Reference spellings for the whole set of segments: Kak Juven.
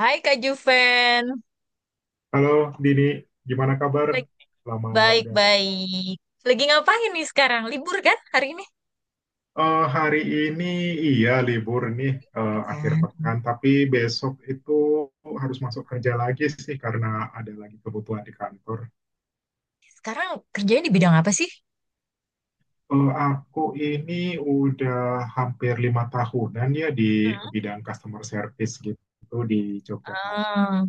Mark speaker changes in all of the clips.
Speaker 1: Hai Kak Juven,
Speaker 2: Halo Dini, gimana kabar?
Speaker 1: Lagi-
Speaker 2: Lama udah nggak jumpa.
Speaker 1: baik-baik. Lagi ngapain nih sekarang? Libur kan hari ini?
Speaker 2: Hari ini iya libur nih
Speaker 1: Libur
Speaker 2: akhir
Speaker 1: kan.
Speaker 2: pekan, tapi besok itu harus masuk kerja lagi sih karena ada lagi kebutuhan di kantor.
Speaker 1: Sekarang kerjanya di bidang apa sih?
Speaker 2: Aku ini udah hampir lima tahunan ya di
Speaker 1: Hmm.
Speaker 2: bidang customer service gitu di Yogyakarta.
Speaker 1: Ah,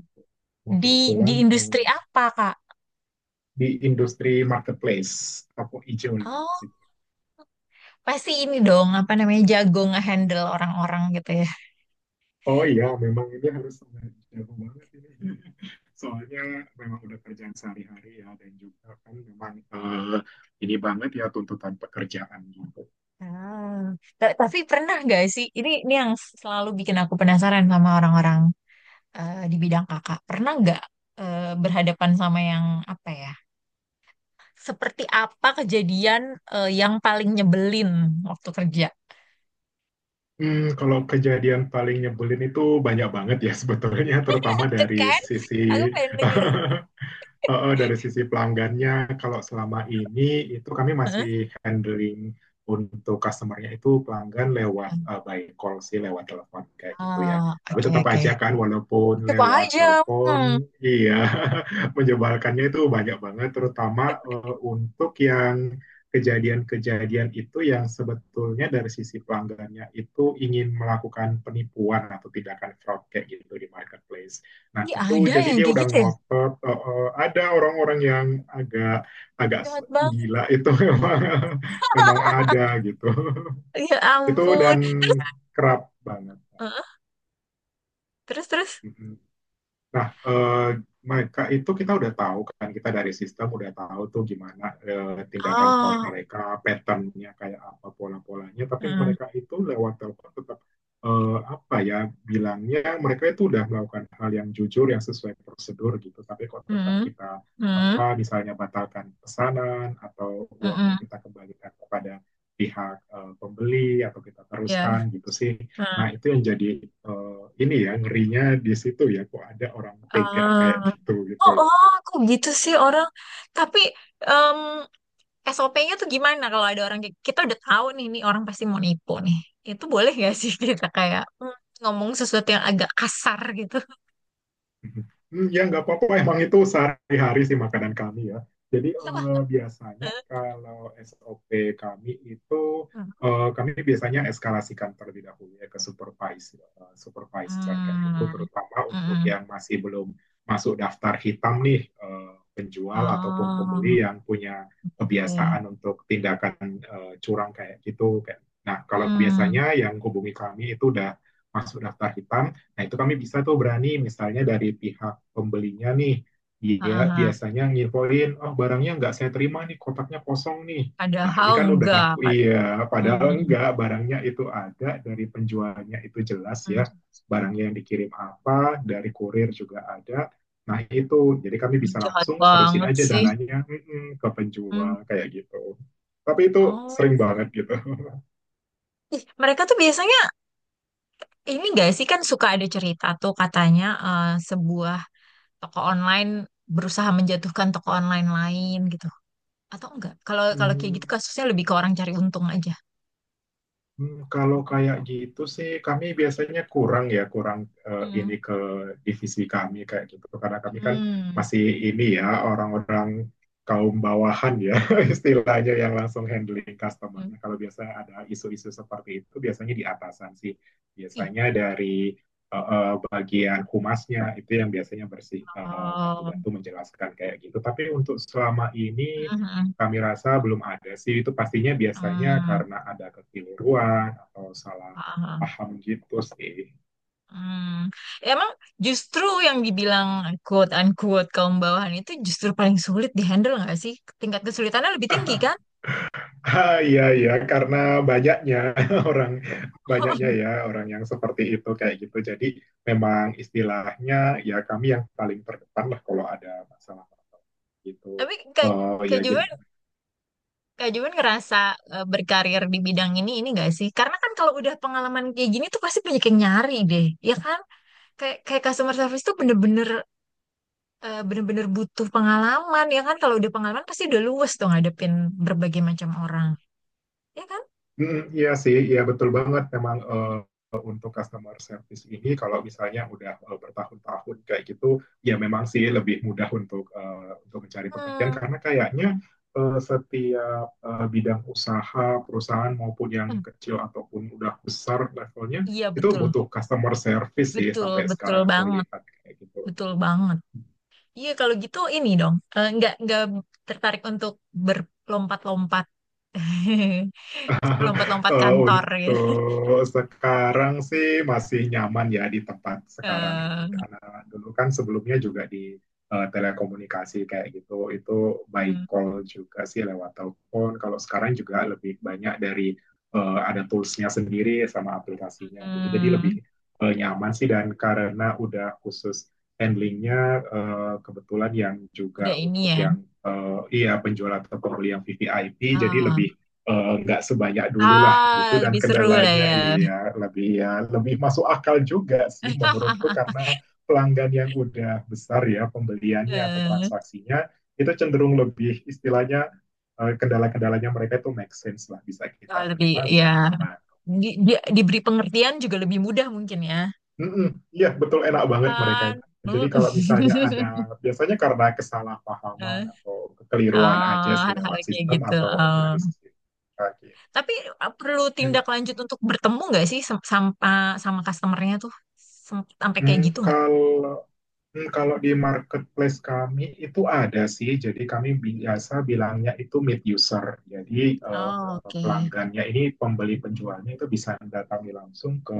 Speaker 2: Nah
Speaker 1: di di
Speaker 2: kebetulan
Speaker 1: industri apa Kak?
Speaker 2: di industri marketplace, toko hijau lah.
Speaker 1: Oh, pasti ini dong apa namanya jago ngehandle orang-orang gitu ya.
Speaker 2: Oh iya, memang ini harus sangat jago banget ini. Soalnya memang udah kerjaan sehari-hari ya, dan juga kan memang ini banget ya tuntutan pekerjaan gitu.
Speaker 1: Ah. Tapi pernah gak sih? Ini yang selalu bikin aku penasaran sama orang-orang di bidang kakak. Pernah nggak berhadapan sama yang apa ya? Seperti apa kejadian yang paling nyebelin waktu kerja?
Speaker 2: Kalau kejadian paling nyebelin itu banyak banget ya sebetulnya, terutama
Speaker 1: Itu
Speaker 2: dari
Speaker 1: kan?
Speaker 2: sisi
Speaker 1: Aku pengen denger.
Speaker 2: Heeh, dari sisi pelanggannya, kalau selama ini itu kami
Speaker 1: Heeh.
Speaker 2: masih handling untuk customer-nya itu pelanggan lewat by call sih, lewat telepon kayak gitu ya.
Speaker 1: Ah,
Speaker 2: Tapi
Speaker 1: oke
Speaker 2: tetap
Speaker 1: oke.
Speaker 2: aja kan, walaupun
Speaker 1: Coba
Speaker 2: lewat
Speaker 1: aja. Hmm.
Speaker 2: telepon, iya menyebalkannya itu banyak banget, terutama untuk yang kejadian-kejadian itu yang sebetulnya dari sisi pelanggannya itu ingin melakukan penipuan atau tindakan fraud kayak gitu di marketplace. Nah,
Speaker 1: Ini
Speaker 2: itu
Speaker 1: ada
Speaker 2: jadi
Speaker 1: yang
Speaker 2: dia
Speaker 1: kayak
Speaker 2: udah
Speaker 1: gitu ya?
Speaker 2: ngotot ada orang-orang yang agak agak
Speaker 1: Jahat banget.
Speaker 2: gila itu memang memang ada gitu.
Speaker 1: Ya
Speaker 2: Itu
Speaker 1: ampun.
Speaker 2: dan
Speaker 1: Terus,
Speaker 2: kerap banget.
Speaker 1: heeh, terus, terus.
Speaker 2: Nah, eh, Mereka itu kita udah tahu kan, kita dari sistem udah tahu tuh gimana tindakan fraud
Speaker 1: Ah,
Speaker 2: mereka, patternnya kayak apa, pola-polanya. Tapi
Speaker 1: hmm,
Speaker 2: mereka itu lewat telepon tetap apa ya bilangnya mereka itu udah melakukan hal yang jujur, yang sesuai prosedur gitu. Tapi kok tetap
Speaker 1: hmm,
Speaker 2: kita
Speaker 1: hmm,
Speaker 2: apa misalnya batalkan pesanan atau
Speaker 1: hmm,
Speaker 2: uangnya kita kembalikan kepada pihak pembeli atau kita
Speaker 1: ya,
Speaker 2: teruskan gitu sih. Nah,
Speaker 1: hmm.
Speaker 2: itu yang jadi ini ya ngerinya di situ ya kok ada orang tega
Speaker 1: Ah,
Speaker 2: kayak gitu gitu
Speaker 1: oh,
Speaker 2: loh.
Speaker 1: oh, aku gitu sih orang. Tapi, mmm, SOP-nya tuh gimana kalau ada orang kayak kita udah tahu nih nih orang pasti mau nipu nih. Itu boleh gak sih kita kayak ngomong sesuatu yang agak kasar gitu?
Speaker 2: Hmm, ya, nggak apa-apa. Emang itu sehari-hari sih makanan kami ya. Jadi
Speaker 1: Iya lah.
Speaker 2: biasanya kalau SOP kami itu
Speaker 1: Hmm.
Speaker 2: kami biasanya eskalasikan terlebih dahulu ya ke supervisor, supervisor kayak gitu, terutama untuk
Speaker 1: Mm-mm.
Speaker 2: yang masih belum masuk daftar hitam nih penjual ataupun
Speaker 1: Oh,
Speaker 2: pembeli yang punya
Speaker 1: oke, oke.
Speaker 2: kebiasaan untuk tindakan curang kayak gitu. Kayak- Nah, kalau
Speaker 1: Hmm.
Speaker 2: biasanya yang hubungi kami itu udah masuk daftar hitam. Nah, itu kami bisa tuh berani misalnya dari pihak pembelinya nih,
Speaker 1: Ha, ha,
Speaker 2: dia
Speaker 1: ha.
Speaker 2: biasanya nginfoin, oh barangnya nggak saya terima nih, kotaknya kosong nih. Nah, ini
Speaker 1: Padahal
Speaker 2: kan udah,
Speaker 1: enggak.
Speaker 2: iya, padahal
Speaker 1: Hmm.
Speaker 2: enggak, barangnya itu ada, dari penjualnya itu jelas ya,
Speaker 1: Hmm.
Speaker 2: barangnya yang dikirim apa, dari kurir juga ada. Nah, itu, jadi kami
Speaker 1: Hmm,
Speaker 2: bisa
Speaker 1: jahat
Speaker 2: langsung terusin
Speaker 1: banget
Speaker 2: aja
Speaker 1: sih.
Speaker 2: dananya ke
Speaker 1: Hmm.
Speaker 2: penjual, kayak gitu. Tapi itu
Speaker 1: Oh.
Speaker 2: sering banget gitu.
Speaker 1: Ih, mereka tuh biasanya ini gak sih kan suka ada cerita tuh katanya sebuah toko online berusaha menjatuhkan toko online lain gitu atau enggak kalau kalau kayak gitu
Speaker 2: Hmm.
Speaker 1: kasusnya lebih ke orang cari untung aja.
Speaker 2: Hmm, kalau kayak gitu sih, kami biasanya kurang ya, kurang
Speaker 1: Hmm,
Speaker 2: ini ke divisi kami kayak gitu. Karena kami kan
Speaker 1: hmm,
Speaker 2: masih ini ya, orang-orang kaum bawahan ya, istilahnya yang langsung handling
Speaker 1: hmm,
Speaker 2: customernya. Kalau biasanya ada isu-isu seperti itu, biasanya di atasan sih.
Speaker 1: ih,
Speaker 2: Biasanya dari bagian humasnya itu yang biasanya bersih
Speaker 1: oh,
Speaker 2: bantu-bantu menjelaskan kayak gitu. Tapi untuk selama ini
Speaker 1: hmm,
Speaker 2: kami rasa belum ada sih itu pastinya biasanya
Speaker 1: hmm.
Speaker 2: karena ada kekeliruan atau salah
Speaker 1: Paham.
Speaker 2: paham gitu sih.
Speaker 1: Hmm. Emang justru yang dibilang quote unquote kaum bawahan itu justru paling sulit dihandle nggak sih? Tingkat kesulitannya lebih tinggi kan?
Speaker 2: Ah, iya ya karena banyaknya orang banyaknya ya orang yang seperti itu kayak gitu. Jadi memang istilahnya ya kami yang paling terdepan lah kalau ada masalah gitu.
Speaker 1: Tapi Kak,
Speaker 2: Eh, ya.
Speaker 1: Kak Juven, Kak Juan ngerasa berkarir di bidang ini gak sih? Karena kan kalau udah pengalaman kayak gini tuh pasti banyak yang nyari deh, ya kan? Kayak kayak customer service tuh bener-bener bener-bener butuh pengalaman, ya kan? Kalau udah pengalaman pasti udah luwes tuh ngadepin berbagai macam orang, ya kan?
Speaker 2: Mhm, iya sih, iya betul banget memang, untuk customer service ini kalau misalnya udah, bertahun-tahun kayak gitu, ya memang sih lebih mudah untuk, untuk mencari pekerjaan
Speaker 1: Hmm,
Speaker 2: karena kayaknya, setiap, bidang usaha, perusahaan maupun yang
Speaker 1: hmm,
Speaker 2: kecil ataupun udah besar levelnya,
Speaker 1: iya
Speaker 2: itu
Speaker 1: betul,
Speaker 2: butuh customer service sih
Speaker 1: betul,
Speaker 2: sampai
Speaker 1: betul
Speaker 2: sekarang aku
Speaker 1: banget,
Speaker 2: lihat kayak gitu.
Speaker 1: betul banget. Iya kalau gitu ini dong, nggak tertarik untuk berlompat-lompat, lompat-lompat kantor
Speaker 2: Untuk
Speaker 1: ya.
Speaker 2: sekarang sih masih nyaman ya di tempat sekarang ini
Speaker 1: Eh,
Speaker 2: karena dulu kan sebelumnya juga di telekomunikasi kayak gitu itu by
Speaker 1: hmm.
Speaker 2: call juga sih lewat telepon kalau sekarang juga lebih banyak dari ada toolsnya sendiri sama aplikasinya gitu jadi lebih
Speaker 1: Hmm,
Speaker 2: nyaman sih dan karena udah khusus handlingnya kebetulan yang
Speaker 1: udah
Speaker 2: juga
Speaker 1: ini
Speaker 2: untuk
Speaker 1: ya.
Speaker 2: yang iya penjual atau pembeli yang VVIP jadi
Speaker 1: Ah,
Speaker 2: lebih nggak sebanyak dulu lah gitu
Speaker 1: ah
Speaker 2: dan
Speaker 1: lebih seru lah
Speaker 2: kendalanya
Speaker 1: ya.
Speaker 2: iya lebih ya lebih masuk akal juga sih menurutku karena pelanggan yang udah besar ya pembeliannya atau
Speaker 1: Eh,
Speaker 2: transaksinya itu cenderung lebih istilahnya kendala-kendalanya mereka itu make sense lah bisa kita
Speaker 1: kalau lebih
Speaker 2: terima bisa
Speaker 1: ya
Speaker 2: kita bantu.
Speaker 1: di, diberi pengertian juga lebih mudah mungkin ya.
Speaker 2: Iya betul enak banget mereka
Speaker 1: Kan.
Speaker 2: itu. Jadi
Speaker 1: Mm.
Speaker 2: kalau misalnya ada biasanya karena
Speaker 1: Eh,
Speaker 2: kesalahpahaman atau kekeliruan
Speaker 1: ah,
Speaker 2: aja sih
Speaker 1: hal-hal
Speaker 2: lewat
Speaker 1: kayak
Speaker 2: sistem
Speaker 1: gitu.
Speaker 2: atau
Speaker 1: Ah.
Speaker 2: dari sistem. Oke,
Speaker 1: Tapi perlu tindak
Speaker 2: enak
Speaker 1: lanjut
Speaker 2: sih.
Speaker 1: untuk bertemu nggak sih sama sama customernya tuh sampai kayak
Speaker 2: Hmm,
Speaker 1: gitu nggak?
Speaker 2: kalau Kalau di marketplace kami itu ada sih, jadi kami biasa bilangnya itu mid user. Jadi
Speaker 1: Oh, oke.
Speaker 2: pelanggannya ini pembeli penjualnya itu bisa datangi langsung ke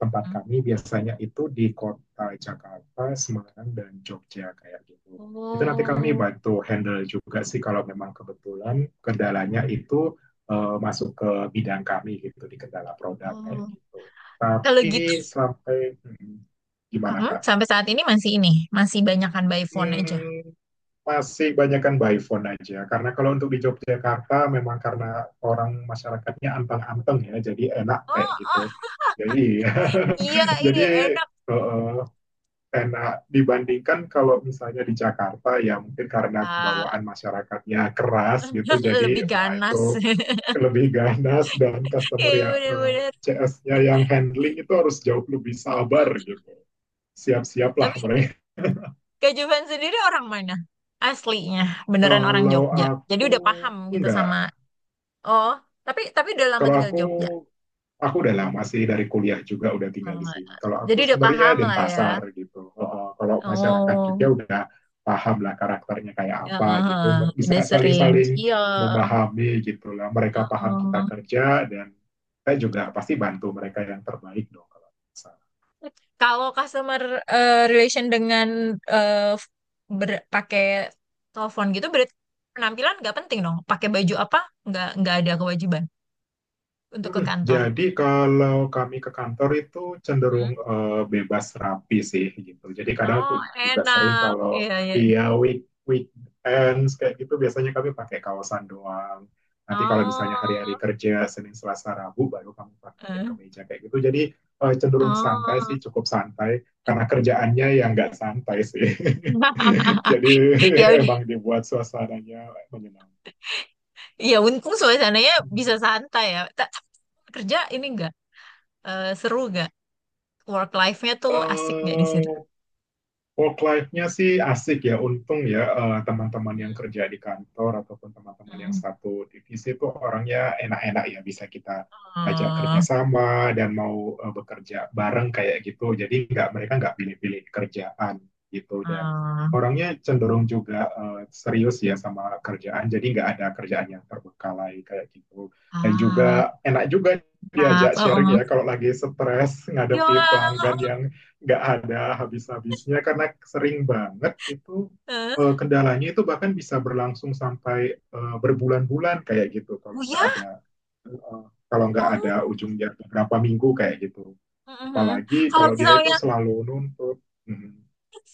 Speaker 2: tempat
Speaker 1: Hmm.
Speaker 2: kami. Biasanya itu di kota Jakarta, Semarang, dan Jogja kayak gitu. Itu nanti kami
Speaker 1: Oh,
Speaker 2: bantu handle juga sih kalau memang kebetulan kendalanya itu masuk ke bidang kami gitu di kendala produk
Speaker 1: oh.
Speaker 2: kayak gitu.
Speaker 1: Kalau gitu
Speaker 2: Tapi sampai hmm, gimana,
Speaker 1: mhm,
Speaker 2: Kak?
Speaker 1: sampai saat ini, masih banyakan by phone aja.
Speaker 2: Hmm, masih banyakkan by phone aja. Karena kalau untuk di Yogyakarta memang karena orang masyarakatnya anteng-anteng ya, jadi
Speaker 1: Oh,
Speaker 2: enak kayak
Speaker 1: oh,
Speaker 2: gitu. Jadi
Speaker 1: iya, iya,
Speaker 2: jadi
Speaker 1: enak.
Speaker 2: eh, enak dibandingkan kalau misalnya di Jakarta ya mungkin karena
Speaker 1: Ah,
Speaker 2: kebawaan masyarakatnya keras gitu
Speaker 1: lebih
Speaker 2: jadi wah
Speaker 1: ganas.
Speaker 2: itu lebih ganas dan customer
Speaker 1: Iya,
Speaker 2: ya
Speaker 1: bener-bener.
Speaker 2: CS-nya yang handling itu harus jauh lebih sabar gitu siap-siaplah
Speaker 1: Tapi
Speaker 2: mereka.
Speaker 1: Kak Juven sendiri orang mana? Aslinya, beneran orang
Speaker 2: Kalau
Speaker 1: Jogja. Jadi
Speaker 2: aku
Speaker 1: udah paham gitu
Speaker 2: enggak.
Speaker 1: sama, oh, tapi udah lama
Speaker 2: Kalau
Speaker 1: tinggal
Speaker 2: aku
Speaker 1: di Jogja.
Speaker 2: aku udah lama sih dari kuliah juga udah tinggal
Speaker 1: Oh,
Speaker 2: di sini. Kalau
Speaker 1: jadi
Speaker 2: aku
Speaker 1: udah paham
Speaker 2: sebenarnya
Speaker 1: lah ya.
Speaker 2: Denpasar gitu. Kalau masyarakat juga
Speaker 1: Oh,
Speaker 2: udah paham lah karakternya kayak
Speaker 1: ya,
Speaker 2: apa
Speaker 1: eh,
Speaker 2: gitu.
Speaker 1: eh,
Speaker 2: Bisa
Speaker 1: udah sering.
Speaker 2: saling-saling
Speaker 1: Iya,
Speaker 2: memahami gitu lah.
Speaker 1: eh,
Speaker 2: Mereka paham kita
Speaker 1: eh.
Speaker 2: kerja dan saya juga pasti bantu mereka yang terbaik dong. Kalau
Speaker 1: Kalau customer relation dengan eh, pakai telepon gitu berarti penampilan nggak penting dong. Pakai baju apa nggak ada kewajiban untuk ke
Speaker 2: mm-mm.
Speaker 1: kantor.
Speaker 2: Jadi kalau kami ke kantor itu
Speaker 1: Hmm.
Speaker 2: cenderung bebas rapi sih gitu. Jadi kadang
Speaker 1: Oh
Speaker 2: aku juga sering
Speaker 1: enak,
Speaker 2: kalau
Speaker 1: iya iya.
Speaker 2: iya week weekends kayak gitu biasanya kami pakai kaosan doang. Nanti kalau misalnya hari-hari
Speaker 1: Oh,
Speaker 2: kerja Senin, Selasa, Rabu baru kami pakai
Speaker 1: eh,
Speaker 2: kemeja kayak gitu. Jadi cenderung santai
Speaker 1: oh.
Speaker 2: sih, cukup santai karena kerjaannya yang nggak santai sih. Jadi
Speaker 1: Ya udah,
Speaker 2: emang dibuat suasananya menyenangkan.
Speaker 1: ya untung suasananya bisa santai ya. Tapi kerja ini nggak seru nggak? Work life-nya tuh asik nggak di situ?
Speaker 2: Work life-nya sih asik ya, untung ya teman-teman
Speaker 1: Hmm.
Speaker 2: yang kerja di kantor ataupun teman-teman yang
Speaker 1: Hmm.
Speaker 2: satu divisi itu orangnya enak-enak ya, bisa kita ajak
Speaker 1: Oh,
Speaker 2: kerjasama dan mau bekerja bareng kayak gitu. Jadi nggak mereka nggak pilih-pilih kerjaan gitu dan
Speaker 1: oh.
Speaker 2: orangnya cenderung juga serius ya sama kerjaan. Jadi nggak ada kerjaan yang terbengkalai kayak gitu. Dan
Speaker 1: Ah,
Speaker 2: juga enak juga
Speaker 1: enak.
Speaker 2: diajak
Speaker 1: Oh,
Speaker 2: sharing ya
Speaker 1: oh.
Speaker 2: kalau lagi stres
Speaker 1: Ya,
Speaker 2: ngadepi pelanggan yang nggak ada habis-habisnya karena sering banget itu
Speaker 1: eh,
Speaker 2: kendalanya itu bahkan bisa berlangsung sampai berbulan-bulan kayak gitu kalau
Speaker 1: oh
Speaker 2: nggak
Speaker 1: ya,
Speaker 2: ada eh, kalau nggak ada
Speaker 1: oh,
Speaker 2: ujungnya beberapa minggu kayak gitu
Speaker 1: mhm.
Speaker 2: apalagi
Speaker 1: Kalau
Speaker 2: kalau dia itu
Speaker 1: misalnya
Speaker 2: selalu nuntut. Hmm.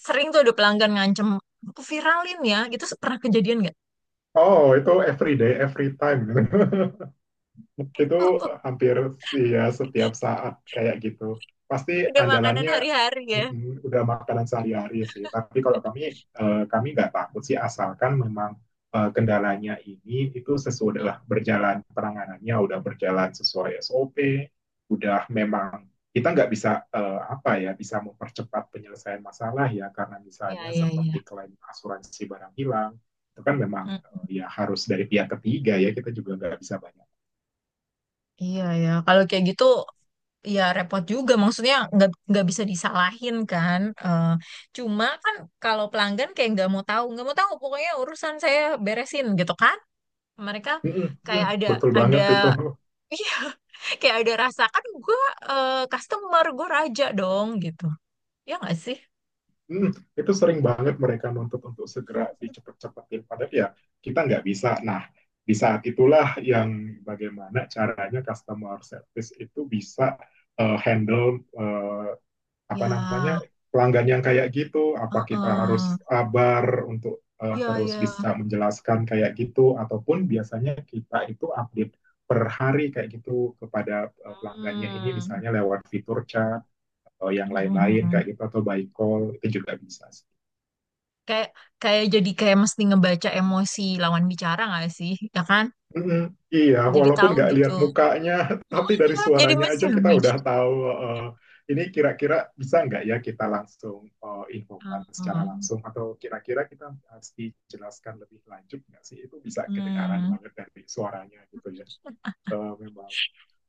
Speaker 1: sering tuh ada pelanggan ngancem, aku viralin ya, itu pernah kejadian nggak?
Speaker 2: Oh itu every day every time. Itu hampir ya setiap saat kayak gitu. Pasti
Speaker 1: Udah makanan
Speaker 2: andalannya
Speaker 1: hari-hari ya.
Speaker 2: udah makanan sehari-hari sih. Tapi kalau kami kami nggak takut sih asalkan memang kendalanya ini itu sesudah udah berjalan penanganannya udah berjalan sesuai SOP, udah memang kita nggak bisa apa ya bisa mempercepat penyelesaian masalah ya karena
Speaker 1: Ya,
Speaker 2: misalnya
Speaker 1: ya, ya.
Speaker 2: seperti klaim asuransi barang hilang itu kan memang
Speaker 1: Mm,
Speaker 2: ya harus dari pihak ketiga ya kita juga nggak bisa banyak.
Speaker 1: iya ya, kalau kayak gitu ya repot juga. Maksudnya nggak bisa disalahin kan. Eh, cuma kan kalau pelanggan kayak nggak mau tahu pokoknya urusan saya beresin gitu kan. Mereka
Speaker 2: Mm, mm,
Speaker 1: kayak
Speaker 2: betul
Speaker 1: ada
Speaker 2: banget itu.
Speaker 1: iya, kayak ada rasa kan gue customer gue raja dong gitu ya nggak sih
Speaker 2: Mm, itu sering banget mereka nuntut untuk segera dicepet-cepetin. Padahal ya kita nggak bisa. Nah, di saat itulah yang bagaimana caranya customer service itu bisa handle apa namanya
Speaker 1: ya
Speaker 2: pelanggan yang kayak gitu. Apa kita
Speaker 1: heeh,
Speaker 2: harus sabar untuk
Speaker 1: ya
Speaker 2: terus
Speaker 1: ya
Speaker 2: bisa menjelaskan kayak gitu, ataupun biasanya kita itu update per hari kayak gitu kepada pelanggannya ini
Speaker 1: hmm.
Speaker 2: misalnya lewat fitur chat atau yang lain-lain
Speaker 1: Mm-mm.
Speaker 2: kayak gitu atau by call itu juga bisa sih.
Speaker 1: Kayak kayak jadi kayak mesti ngebaca emosi lawan bicara nggak sih ya kan
Speaker 2: Mm-mm. Iya,
Speaker 1: jadi
Speaker 2: walaupun
Speaker 1: tahu
Speaker 2: nggak
Speaker 1: gitu.
Speaker 2: lihat mukanya, tapi dari
Speaker 1: Ah, jadi
Speaker 2: suaranya
Speaker 1: mesti
Speaker 2: aja kita
Speaker 1: ngebaca.
Speaker 2: udah tahu eh, ini kira-kira bisa nggak ya kita langsung infokan secara
Speaker 1: Ah.
Speaker 2: langsung atau kira-kira kita mesti jelaskan lebih lanjut nggak sih? Itu bisa kedengaran
Speaker 1: Hmm.
Speaker 2: banget dari suaranya gitu ya. Memang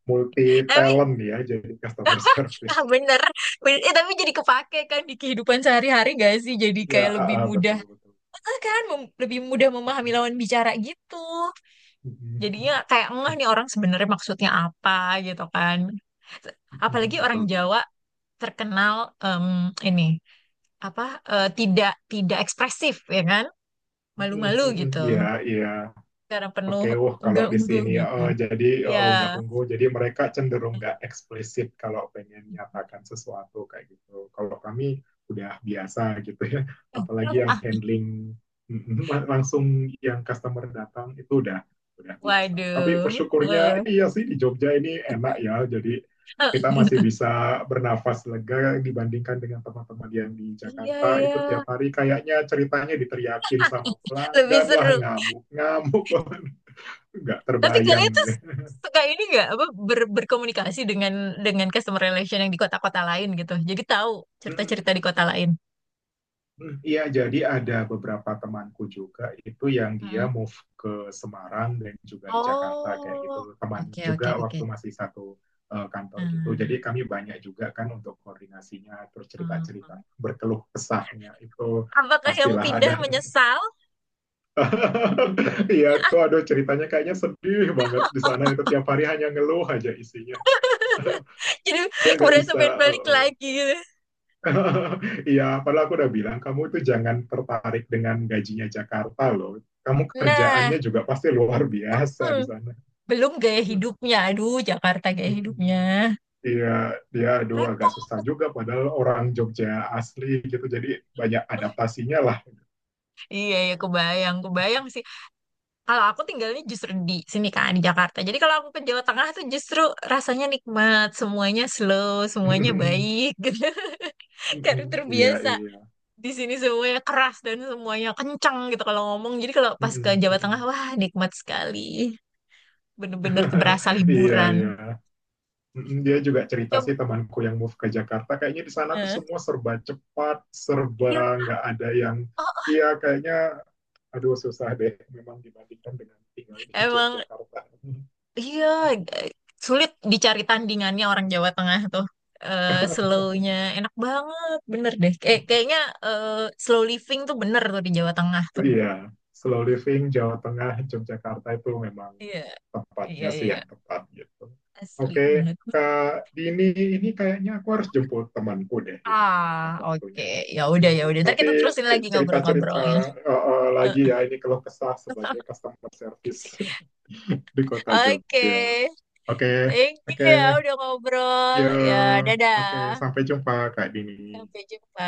Speaker 2: multi
Speaker 1: Tapi
Speaker 2: talent ya, jadi customer
Speaker 1: ah,
Speaker 2: service.
Speaker 1: bener, bener. Eh, tapi jadi kepake kan di kehidupan sehari-hari gak sih? Jadi
Speaker 2: Ya
Speaker 1: kayak
Speaker 2: ah,
Speaker 1: lebih
Speaker 2: ah,
Speaker 1: mudah,
Speaker 2: betul betul.
Speaker 1: ah, kan lebih mudah memahami lawan bicara gitu. Jadinya kayak ngeh nih orang sebenarnya maksudnya apa gitu kan. Apalagi orang
Speaker 2: Betul banget.
Speaker 1: Jawa terkenal em, ini apa eh, tidak tidak ekspresif ya kan, malu-malu gitu.
Speaker 2: Iya, iya.
Speaker 1: Karena penuh
Speaker 2: Oke, wah kalau di
Speaker 1: unggah-ungguh
Speaker 2: sini
Speaker 1: gitu.
Speaker 2: jadi
Speaker 1: Ya.
Speaker 2: nggak unggul, jadi mereka cenderung nggak eksplisit kalau pengen nyatakan sesuatu kayak gitu. Kalau kami udah biasa gitu ya,
Speaker 1: Eh,
Speaker 2: apalagi yang
Speaker 1: ah,
Speaker 2: handling langsung yang customer datang itu udah biasa. Tapi
Speaker 1: waduh.
Speaker 2: bersyukurnya
Speaker 1: Eh,
Speaker 2: iya sih di Jogja ini enak ya, jadi
Speaker 1: eh,
Speaker 2: kita masih bisa bernafas lega dibandingkan dengan teman-teman yang di
Speaker 1: iya
Speaker 2: Jakarta
Speaker 1: iya.
Speaker 2: itu tiap hari kayaknya ceritanya diteriakin sama
Speaker 1: Lebih
Speaker 2: pelanggan lah
Speaker 1: seru.
Speaker 2: ngamuk-ngamuk. Nggak
Speaker 1: Tapi kalian
Speaker 2: terbayang.
Speaker 1: tuh suka ini nggak apa berkomunikasi dengan customer relation yang di kota-kota lain gitu. Jadi tahu cerita-cerita di kota lain.
Speaker 2: Iya, jadi ada beberapa temanku juga itu yang dia move ke Semarang dan juga di Jakarta kayak gitu.
Speaker 1: Oh,
Speaker 2: Teman
Speaker 1: oke oke
Speaker 2: juga
Speaker 1: oke.
Speaker 2: waktu masih satu kantor gitu. Jadi
Speaker 1: Hmm,
Speaker 2: kami banyak juga kan untuk koordinasinya, terus
Speaker 1: hmm,
Speaker 2: cerita-cerita,
Speaker 1: hmm.
Speaker 2: berkeluh kesahnya itu
Speaker 1: Apakah yang
Speaker 2: pastilah
Speaker 1: pindah
Speaker 2: ada.
Speaker 1: menyesal?
Speaker 2: Iya tuh aduh ceritanya kayaknya sedih banget di sana itu tiap hari hanya ngeluh aja isinya.
Speaker 1: Jadi
Speaker 2: Dia nggak
Speaker 1: merasa
Speaker 2: bisa
Speaker 1: pengen
Speaker 2: uh,
Speaker 1: balik
Speaker 2: uh,
Speaker 1: lagi gitu.
Speaker 2: iya, padahal aku udah bilang, kamu itu jangan tertarik dengan gajinya Jakarta loh. Kamu
Speaker 1: Nah,
Speaker 2: kerjaannya juga pasti luar biasa
Speaker 1: hmm,
Speaker 2: di sana.
Speaker 1: belum gaya hidupnya. Aduh, Jakarta gaya
Speaker 2: mm
Speaker 1: hidupnya.
Speaker 2: Iya, dia aduh agak
Speaker 1: Repot.
Speaker 2: susah juga padahal orang Jogja asli gitu. Jadi banyak adaptasinya lah.
Speaker 1: Iya, ya kebayang, kebayang sih. Kalau aku tinggalnya justru di sini kan, di Jakarta. Jadi kalau aku ke Jawa Tengah tuh justru rasanya nikmat. Semuanya slow, semuanya baik gitu. Karena
Speaker 2: Mm-mm. Iya,
Speaker 1: terbiasa
Speaker 2: iya.
Speaker 1: di sini semuanya keras dan semuanya kencang gitu kalau ngomong. Jadi kalau pas ke
Speaker 2: Mm-mm,
Speaker 1: Jawa Tengah,
Speaker 2: mm-mm.
Speaker 1: wah nikmat sekali. Bener-bener berasa
Speaker 2: Iya,
Speaker 1: liburan.
Speaker 2: iya. Mm-mm, dia juga cerita
Speaker 1: Coba.
Speaker 2: sih temanku yang move ke Jakarta, kayaknya di sana tuh
Speaker 1: Eh,
Speaker 2: semua serba cepat, serba
Speaker 1: iya,
Speaker 2: nggak ada yang,
Speaker 1: oh,
Speaker 2: iya kayaknya aduh susah deh memang dibandingkan dengan tinggal di
Speaker 1: emang
Speaker 2: Yogyakarta. Iya,
Speaker 1: iya eh, sulit dicari tandingannya orang Jawa Tengah tuh. Eh slow-nya enak banget, bener deh. Kayak kayaknya eh, slow living tuh bener tuh di Jawa Tengah tuh.
Speaker 2: yeah, slow living Jawa Tengah, Yogyakarta itu memang
Speaker 1: Iya, iya,
Speaker 2: tempatnya sih
Speaker 1: iya.
Speaker 2: yang tepat gitu.
Speaker 1: Asli
Speaker 2: Oke,
Speaker 1: banget.
Speaker 2: Kak Dini ini kayaknya aku harus jemput temanku deh ini udah
Speaker 1: Ah, oke.
Speaker 2: waktunya.
Speaker 1: Ya udah, ya udah.
Speaker 2: Hmm,
Speaker 1: Ntar kita
Speaker 2: nanti
Speaker 1: terusin lagi ngobrol-ngobrolnya.
Speaker 2: cerita-cerita lagi
Speaker 1: Eh.
Speaker 2: ya ini kalau kesah sebagai customer service di kota
Speaker 1: Oke,
Speaker 2: Jogja. Oke,
Speaker 1: thank you
Speaker 2: oke,
Speaker 1: ya udah ngobrol.
Speaker 2: ya,
Speaker 1: Ya,
Speaker 2: oke
Speaker 1: dadah.
Speaker 2: sampai jumpa Kak Dini.
Speaker 1: Sampai jumpa.